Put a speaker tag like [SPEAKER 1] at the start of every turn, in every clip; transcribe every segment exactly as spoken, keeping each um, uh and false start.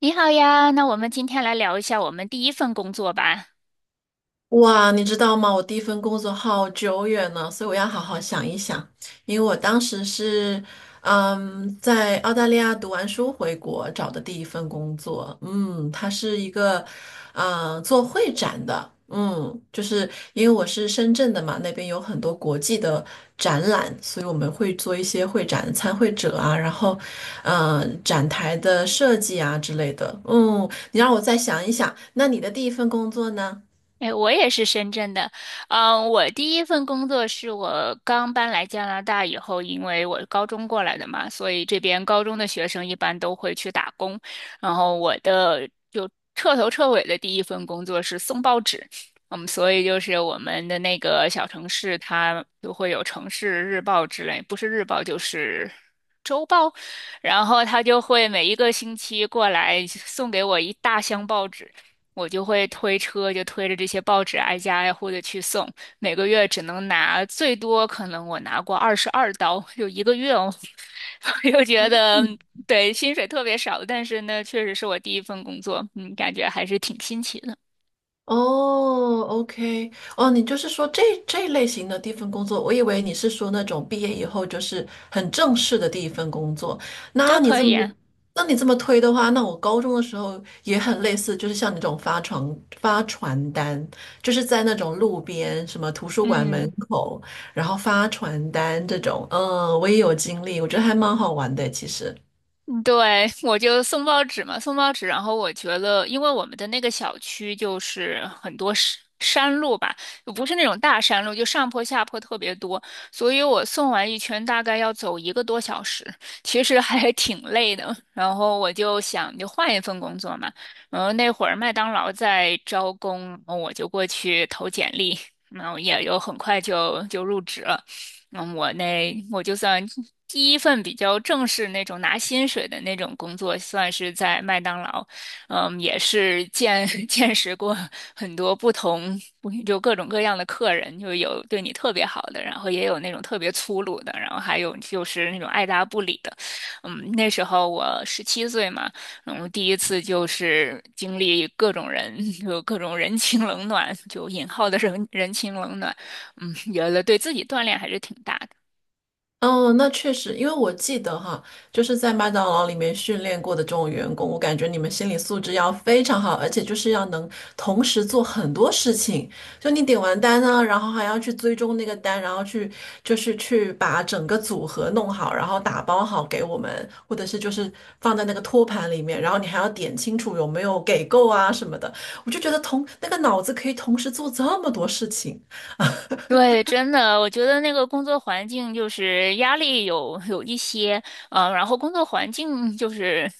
[SPEAKER 1] 你好呀，那我们今天来聊一下我们第一份工作吧。
[SPEAKER 2] 哇，你知道吗？我第一份工作好久远了，所以我要好好想一想。因为我当时是，嗯，在澳大利亚读完书回国找的第一份工作。嗯，它是一个，嗯，做会展的。嗯，就是因为我是深圳的嘛，那边有很多国际的展览，所以我们会做一些会展参会者啊，然后，嗯，展台的设计啊之类的。嗯，你让我再想一想，那你的第一份工作呢？
[SPEAKER 1] 哎，我也是深圳的。嗯，我第一份工作是我刚搬来加拿大以后，因为我高中过来的嘛，所以这边高中的学生一般都会去打工。然后我的就彻头彻尾的第一份工作是送报纸。嗯，所以就是我们的那个小城市，它都会有城市日报之类，不是日报就是周报。然后他就会每一个星期过来送给我一大箱报纸。我就会推车，就推着这些报纸挨家挨户的去送，每个月只能拿最多，可能我拿过二十二刀，就一个月哦。我又觉得对薪水特别少，但是呢，确实是我第一份工作，嗯，感觉还是挺新奇的，
[SPEAKER 2] 哦，OK，哦，你就是说这这类型的第一份工作，我以为你是说那种毕业以后就是很正式的第一份工作。那
[SPEAKER 1] 都
[SPEAKER 2] 你
[SPEAKER 1] 可
[SPEAKER 2] 这
[SPEAKER 1] 以
[SPEAKER 2] 么，
[SPEAKER 1] 啊。
[SPEAKER 2] 那你这么推的话，那我高中的时候也很类似，就是像你这种发传发传单，就是在那种路边什么图书馆门
[SPEAKER 1] 嗯。
[SPEAKER 2] 口，然后发传单这种，嗯，我也有经历，我觉得还蛮好玩的，其实。
[SPEAKER 1] 对，我就送报纸嘛，送报纸。然后我觉得，因为我们的那个小区就是很多山山路吧，不是那种大山路，就上坡下坡特别多，所以我送完一圈大概要走一个多小时，其实还挺累的。然后我就想，就换一份工作嘛。然后那会儿麦当劳在招工，我就过去投简历，然后也就很快就就入职了。嗯，我那我就算第一份比较正式那种拿薪水的那种工作，算是在麦当劳，嗯，也是见 见识过很多不同，就各种各样的客人，就有对你特别好的，然后也有那种特别粗鲁的，然后还有就是那种爱答不理的。嗯，那时候我十七岁嘛，然后第一次就是经历各种人，就各种人情冷暖，就引号的人 人情冷暖。嗯，原来对自己锻炼还是挺大的。
[SPEAKER 2] 哦，那确实，因为我记得哈，就是在麦当劳里面训练过的这种员工，我感觉你们心理素质要非常好，而且就是要能同时做很多事情。就你点完单呢，然后还要去追踪那个单，然后去就是去把整个组合弄好，然后打包好给我们，或者是就是放在那个托盘里面，然后你还要点清楚有没有给够啊什么的。我就觉得同那个脑子可以同时做这么多事情。
[SPEAKER 1] 对，真的，我觉得那个工作环境就是压力有有一些，嗯、然后工作环境就是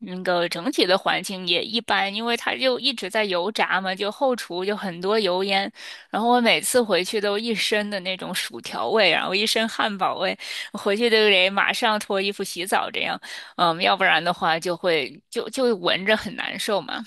[SPEAKER 1] 那个整体的环境也一般，因为它就一直在油炸嘛，就后厨就很多油烟，然后我每次回去都一身的那种薯条味，然后一身汉堡味，回去都得马上脱衣服洗澡这样，嗯，要不然的话就会就就闻着很难受嘛。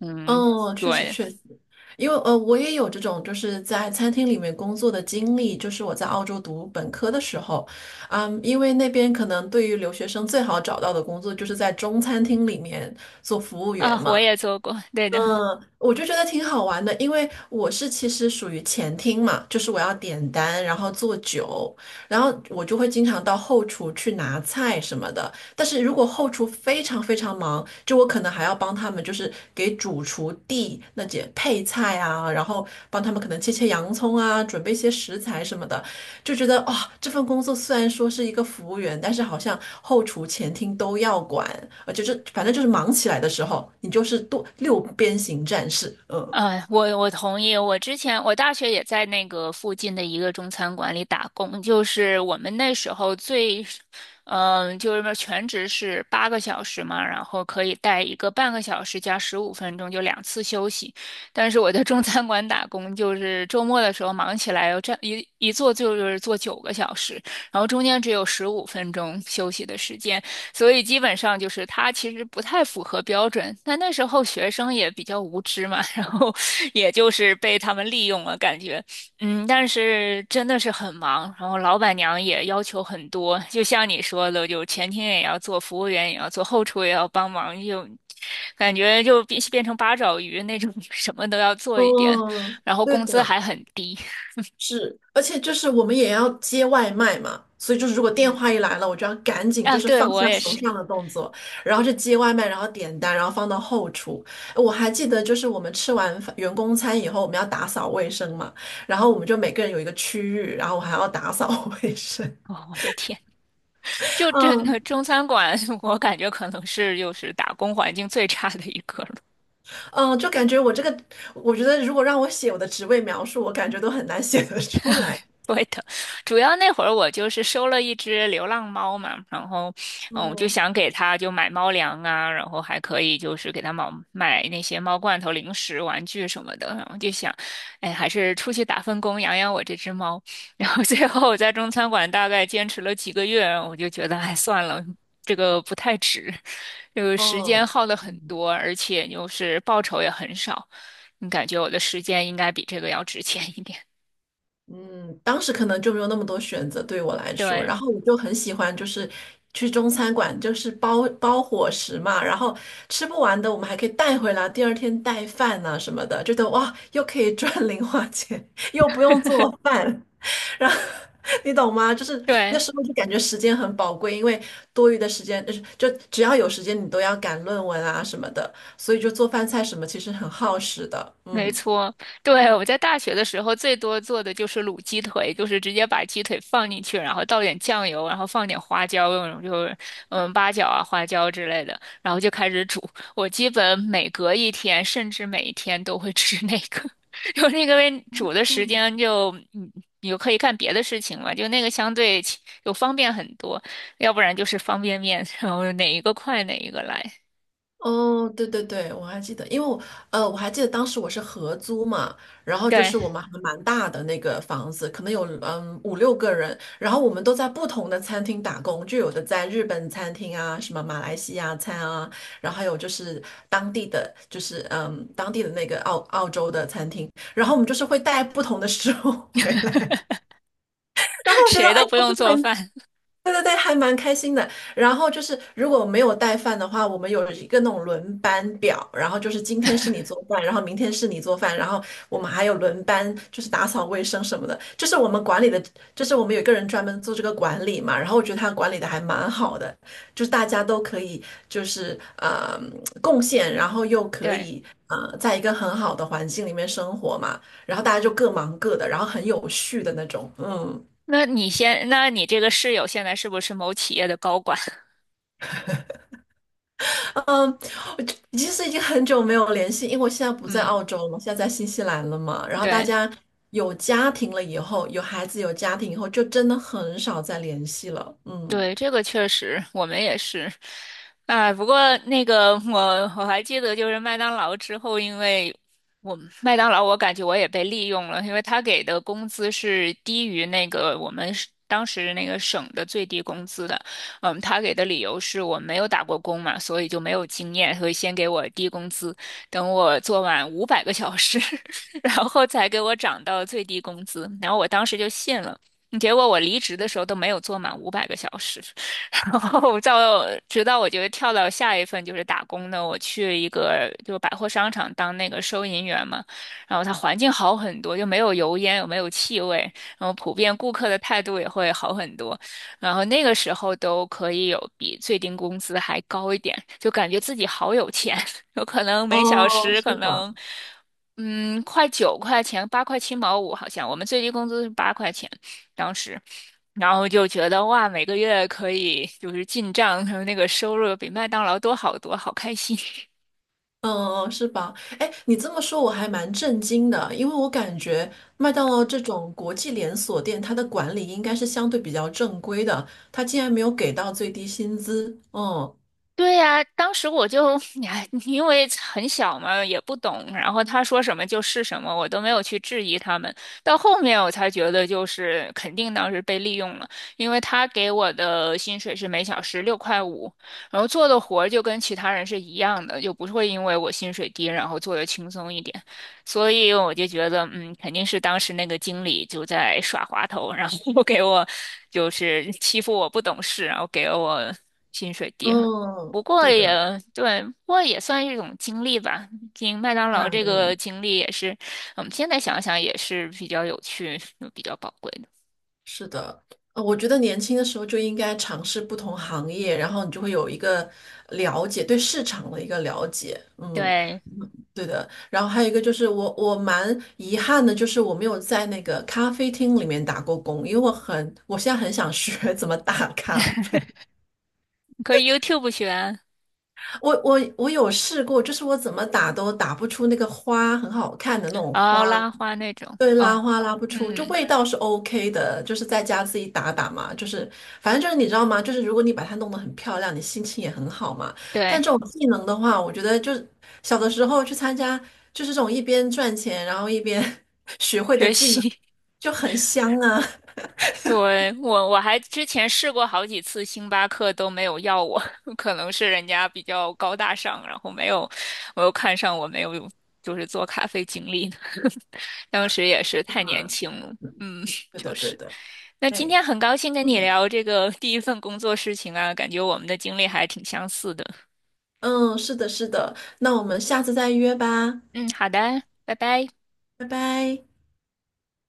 [SPEAKER 1] 嗯，
[SPEAKER 2] 嗯，确实
[SPEAKER 1] 对。
[SPEAKER 2] 确实，因为呃，我也有这种就是在餐厅里面工作的经历，就是我在澳洲读本科的时候，嗯，因为那边可能对于留学生最好找到的工作就是在中餐厅里面做服务员
[SPEAKER 1] 啊，我
[SPEAKER 2] 嘛。
[SPEAKER 1] 也做过，对的。
[SPEAKER 2] 嗯，我就觉得挺好玩的，因为我是其实属于前厅嘛，就是我要点单，然后做酒，然后我就会经常到后厨去拿菜什么的。但是如果后厨非常非常忙，就我可能还要帮他们，就是给主厨递那些配菜啊，然后帮他们可能切切洋葱啊，准备一些食材什么的。就觉得啊、这份工作虽然说是一个服务员，但是好像后厨、前厅都要管。呃，就是反正就是忙起来的时候，你就是多六边形战士。嗯，
[SPEAKER 1] 啊，我我同意。我之前我大学也在那个附近的一个中餐馆里打工，就是我们那时候最，嗯、就是全职是八个小时嘛，然后可以带一个半个小时加十五分钟，就两次休息。但是我在中餐馆打工，就是周末的时候忙起来，我这一一坐就是坐九个小时，然后中间只有十五分钟休息的时间。所以基本上就是他其实不太符合标准。但那时候学生也比较无知嘛，然后也就是被他们利用了，感觉。嗯，但是真的是很忙，然后老板娘也要求很多，就像你说的，就前厅也要做，服务员也要做，后厨也要帮忙，就感觉就变变成八爪鱼那种，什么都要做一点，
[SPEAKER 2] 哦，
[SPEAKER 1] 然后
[SPEAKER 2] 对
[SPEAKER 1] 工资
[SPEAKER 2] 的，
[SPEAKER 1] 还很低。
[SPEAKER 2] 是，而且就是我们也要接外卖嘛，所以就是如果电
[SPEAKER 1] 嗯，
[SPEAKER 2] 话一来了，我就要赶紧
[SPEAKER 1] 啊，
[SPEAKER 2] 就是
[SPEAKER 1] 对，
[SPEAKER 2] 放
[SPEAKER 1] 我
[SPEAKER 2] 下
[SPEAKER 1] 也
[SPEAKER 2] 手
[SPEAKER 1] 是。
[SPEAKER 2] 上的动作，然后去接外卖，然后点单，然后放到后厨。我还记得就是我们吃完饭员工餐以后，我们要打扫卫生嘛，然后我们就每个人有一个区域，然后我还要打扫 卫生。
[SPEAKER 1] 哦，我的天。就真
[SPEAKER 2] 嗯
[SPEAKER 1] 的中餐馆，我感觉可能是又是打工环境最差的一个了。
[SPEAKER 2] 嗯，就感觉我这个，我觉得如果让我写我的职位描述，我感觉都很难写得出来。
[SPEAKER 1] 会的，主要那会儿我就是收了一只流浪猫嘛，然后，嗯，我就
[SPEAKER 2] 哦
[SPEAKER 1] 想给它就买猫粮啊，然后还可以就是给它买买那些猫罐头、零食、玩具什么的，然后就想，哎，还是出去打份工养养我这只猫。然后最后我在中餐馆大概坚持了几个月，我就觉得，哎，算了，这个不太值，就是时间
[SPEAKER 2] 哦，
[SPEAKER 1] 耗的很
[SPEAKER 2] 嗯。
[SPEAKER 1] 多，而且就是报酬也很少，你感觉我的时间应该比这个要值钱一点，
[SPEAKER 2] 嗯，当时可能就没有那么多选择对我来说，然
[SPEAKER 1] 对。
[SPEAKER 2] 后我就很喜欢，就是去中餐馆，就是包包伙食嘛，然后吃不完的我们还可以带回来，第二天带饭啊什么的，觉得哇，又可以赚 零花钱，又不用做饭，然后 你懂吗？就是那
[SPEAKER 1] 对，
[SPEAKER 2] 时候就感觉时间很宝贵，因为多余的时间就是就只要有时间你都要赶论文啊什么的，所以就做饭菜什么其实很耗时的，
[SPEAKER 1] 没
[SPEAKER 2] 嗯。
[SPEAKER 1] 错，对，我在大学的时候最多做的就是卤鸡腿，就是直接把鸡腿放进去，然后倒点酱油，然后放点花椒，那种就是嗯八角啊、花椒之类的，然后就开始煮。我基本每隔一天，甚至每一天都会吃那个，因那个为煮的时间就嗯，你就可以干别的事情嘛，就那个相对起就方便很多，要不然就是方便面，然后哪一个快哪一个来，
[SPEAKER 2] 哦，对对对，我还记得，因为我呃，我还记得当时我是合租嘛，然后就
[SPEAKER 1] 对，
[SPEAKER 2] 是我们还蛮大的那个房子，可能有嗯五六个人，然后我们都在不同的餐厅打工，就有的在日本餐厅啊，什么马来西亚餐啊，然后还有就是当地的，就是嗯当地的那个澳澳洲的餐厅，然后我们就是会带不同的食物 回来。然后 我觉得
[SPEAKER 1] 谁
[SPEAKER 2] 哎
[SPEAKER 1] 都
[SPEAKER 2] 呀，
[SPEAKER 1] 不用
[SPEAKER 2] 是
[SPEAKER 1] 做
[SPEAKER 2] 很。
[SPEAKER 1] 饭，
[SPEAKER 2] 对对对，还蛮开心的。然后就是，如果没有带饭的话，我们有一个那种轮班表，然后就是今天是你做饭，然后明天是你做饭，然后我们还有轮班，就是打扫卫生什么的。就是我们管理的，就是我们有一个人专门做这个管理嘛。然后我觉得他管理的还蛮好的，就是大家都可以就是呃贡献，然后又可
[SPEAKER 1] 对。
[SPEAKER 2] 以呃在一个很好的环境里面生活嘛。然后大家就各忙各的，然后很有序的那种，嗯。
[SPEAKER 1] 那你先，那你这个室友现在是不是某企业的高管？
[SPEAKER 2] 嗯，我就其实已经很久没有联系，因为我现在 不在
[SPEAKER 1] 嗯，
[SPEAKER 2] 澳洲了，我现在在新西兰了嘛。然后大
[SPEAKER 1] 对。
[SPEAKER 2] 家有家庭了以后，有孩子有家庭以后，就真的很少再联系了。嗯，
[SPEAKER 1] 对，这个确实，我们也是。哎，不过那个我我还记得，就是麦当劳之后，因为我麦当劳，我感觉我也被利用了，因为他给的工资是低于那个我们是当时那个省的最低工资的。嗯，他给的理由是我没有打过工嘛，所以就没有经验，所以先给我低工资，等我做满五百个小时，然后才给我涨到最低工资。然后我当时就信了。结果我离职的时候都没有做满五百个小时，然后到直到我觉得跳到下一份就是打工的，我去一个就百货商场当那个收银员嘛，然后它环境好很多，就没有油烟，也没有气味，然后普遍顾客的态度也会好很多，然后那个时候都可以有比最低工资还高一点，就感觉自己好有钱，有可能每小
[SPEAKER 2] 哦，
[SPEAKER 1] 时可
[SPEAKER 2] 是吧？
[SPEAKER 1] 能。嗯，快九块钱，八块七毛五，好像我们最低工资是八块钱，当时，然后就觉得哇，每个月可以就是进账，还有那个收入比麦当劳多好多，好开心。
[SPEAKER 2] 嗯，是吧？哎，你这么说我还蛮震惊的，因为我感觉麦当劳这种国际连锁店，它的管理应该是相对比较正规的，它竟然没有给到最低薪资。嗯，
[SPEAKER 1] 对呀，当时我就，哎，因为很小嘛，也不懂，然后他说什么就是什么，我都没有去质疑他们。到后面我才觉得，就是肯定当时被利用了，因为他给我的薪水是每小时六块五，然后做的活儿就跟其他人是一样的，就不会因为我薪水低，然后做的轻松一点。所以我就觉得，嗯，肯定是当时那个经理就在耍滑头，然后 给我就是欺负我不懂事，然后给了我薪水低。
[SPEAKER 2] 嗯，
[SPEAKER 1] 不过
[SPEAKER 2] 对
[SPEAKER 1] 也
[SPEAKER 2] 的，
[SPEAKER 1] 对，不过也算一种经历吧。经麦当
[SPEAKER 2] 当
[SPEAKER 1] 劳
[SPEAKER 2] 然
[SPEAKER 1] 这个
[SPEAKER 2] 的。
[SPEAKER 1] 经历也是，我们现在想想也是比较有趣、比较宝贵的。
[SPEAKER 2] 是的，呃我觉得年轻的时候就应该尝试不同行业，然后你就会有一个了解，对市场的一个了解。嗯，
[SPEAKER 1] 对，
[SPEAKER 2] 嗯对的。然后还有一个就是我我蛮遗憾的，就是我没有在那个咖啡厅里面打过工，因为我很我现在很想学 怎么打咖啡。
[SPEAKER 1] 可以 YouTube 学，
[SPEAKER 2] 我我我有试过，就是我怎么打都打不出那个花很好看的那种
[SPEAKER 1] 然后
[SPEAKER 2] 花。
[SPEAKER 1] 拉花那种。
[SPEAKER 2] 对，拉
[SPEAKER 1] 哦，
[SPEAKER 2] 花拉不出，就
[SPEAKER 1] 嗯，
[SPEAKER 2] 味道是 OK 的，就是在家自己打打嘛，就是反正就是你知道吗？就是如果你把它弄得很漂亮，你心情也很好嘛。但
[SPEAKER 1] 对，
[SPEAKER 2] 这种技能的话，我觉得就是小的时候去参加，就是这种一边赚钱，然后一边 学会的
[SPEAKER 1] 学
[SPEAKER 2] 技能
[SPEAKER 1] 习。
[SPEAKER 2] 就很香啊。
[SPEAKER 1] 对，我我还之前试过好几次，星巴克都没有要我，可能是人家比较高大上，然后没有我又看上我，没有就是做咖啡经历呢。当时也是太年
[SPEAKER 2] 啊，
[SPEAKER 1] 轻了，嗯，
[SPEAKER 2] 对
[SPEAKER 1] 就
[SPEAKER 2] 的对
[SPEAKER 1] 是。
[SPEAKER 2] 的，
[SPEAKER 1] 那今
[SPEAKER 2] 哎，
[SPEAKER 1] 天很高兴跟你
[SPEAKER 2] 嗯
[SPEAKER 1] 聊这个第一份工作事情啊，感觉我们的经历还挺相似的。
[SPEAKER 2] 嗯，是的是的，那我们下次再约吧，
[SPEAKER 1] 嗯，好的，拜拜。
[SPEAKER 2] 拜拜。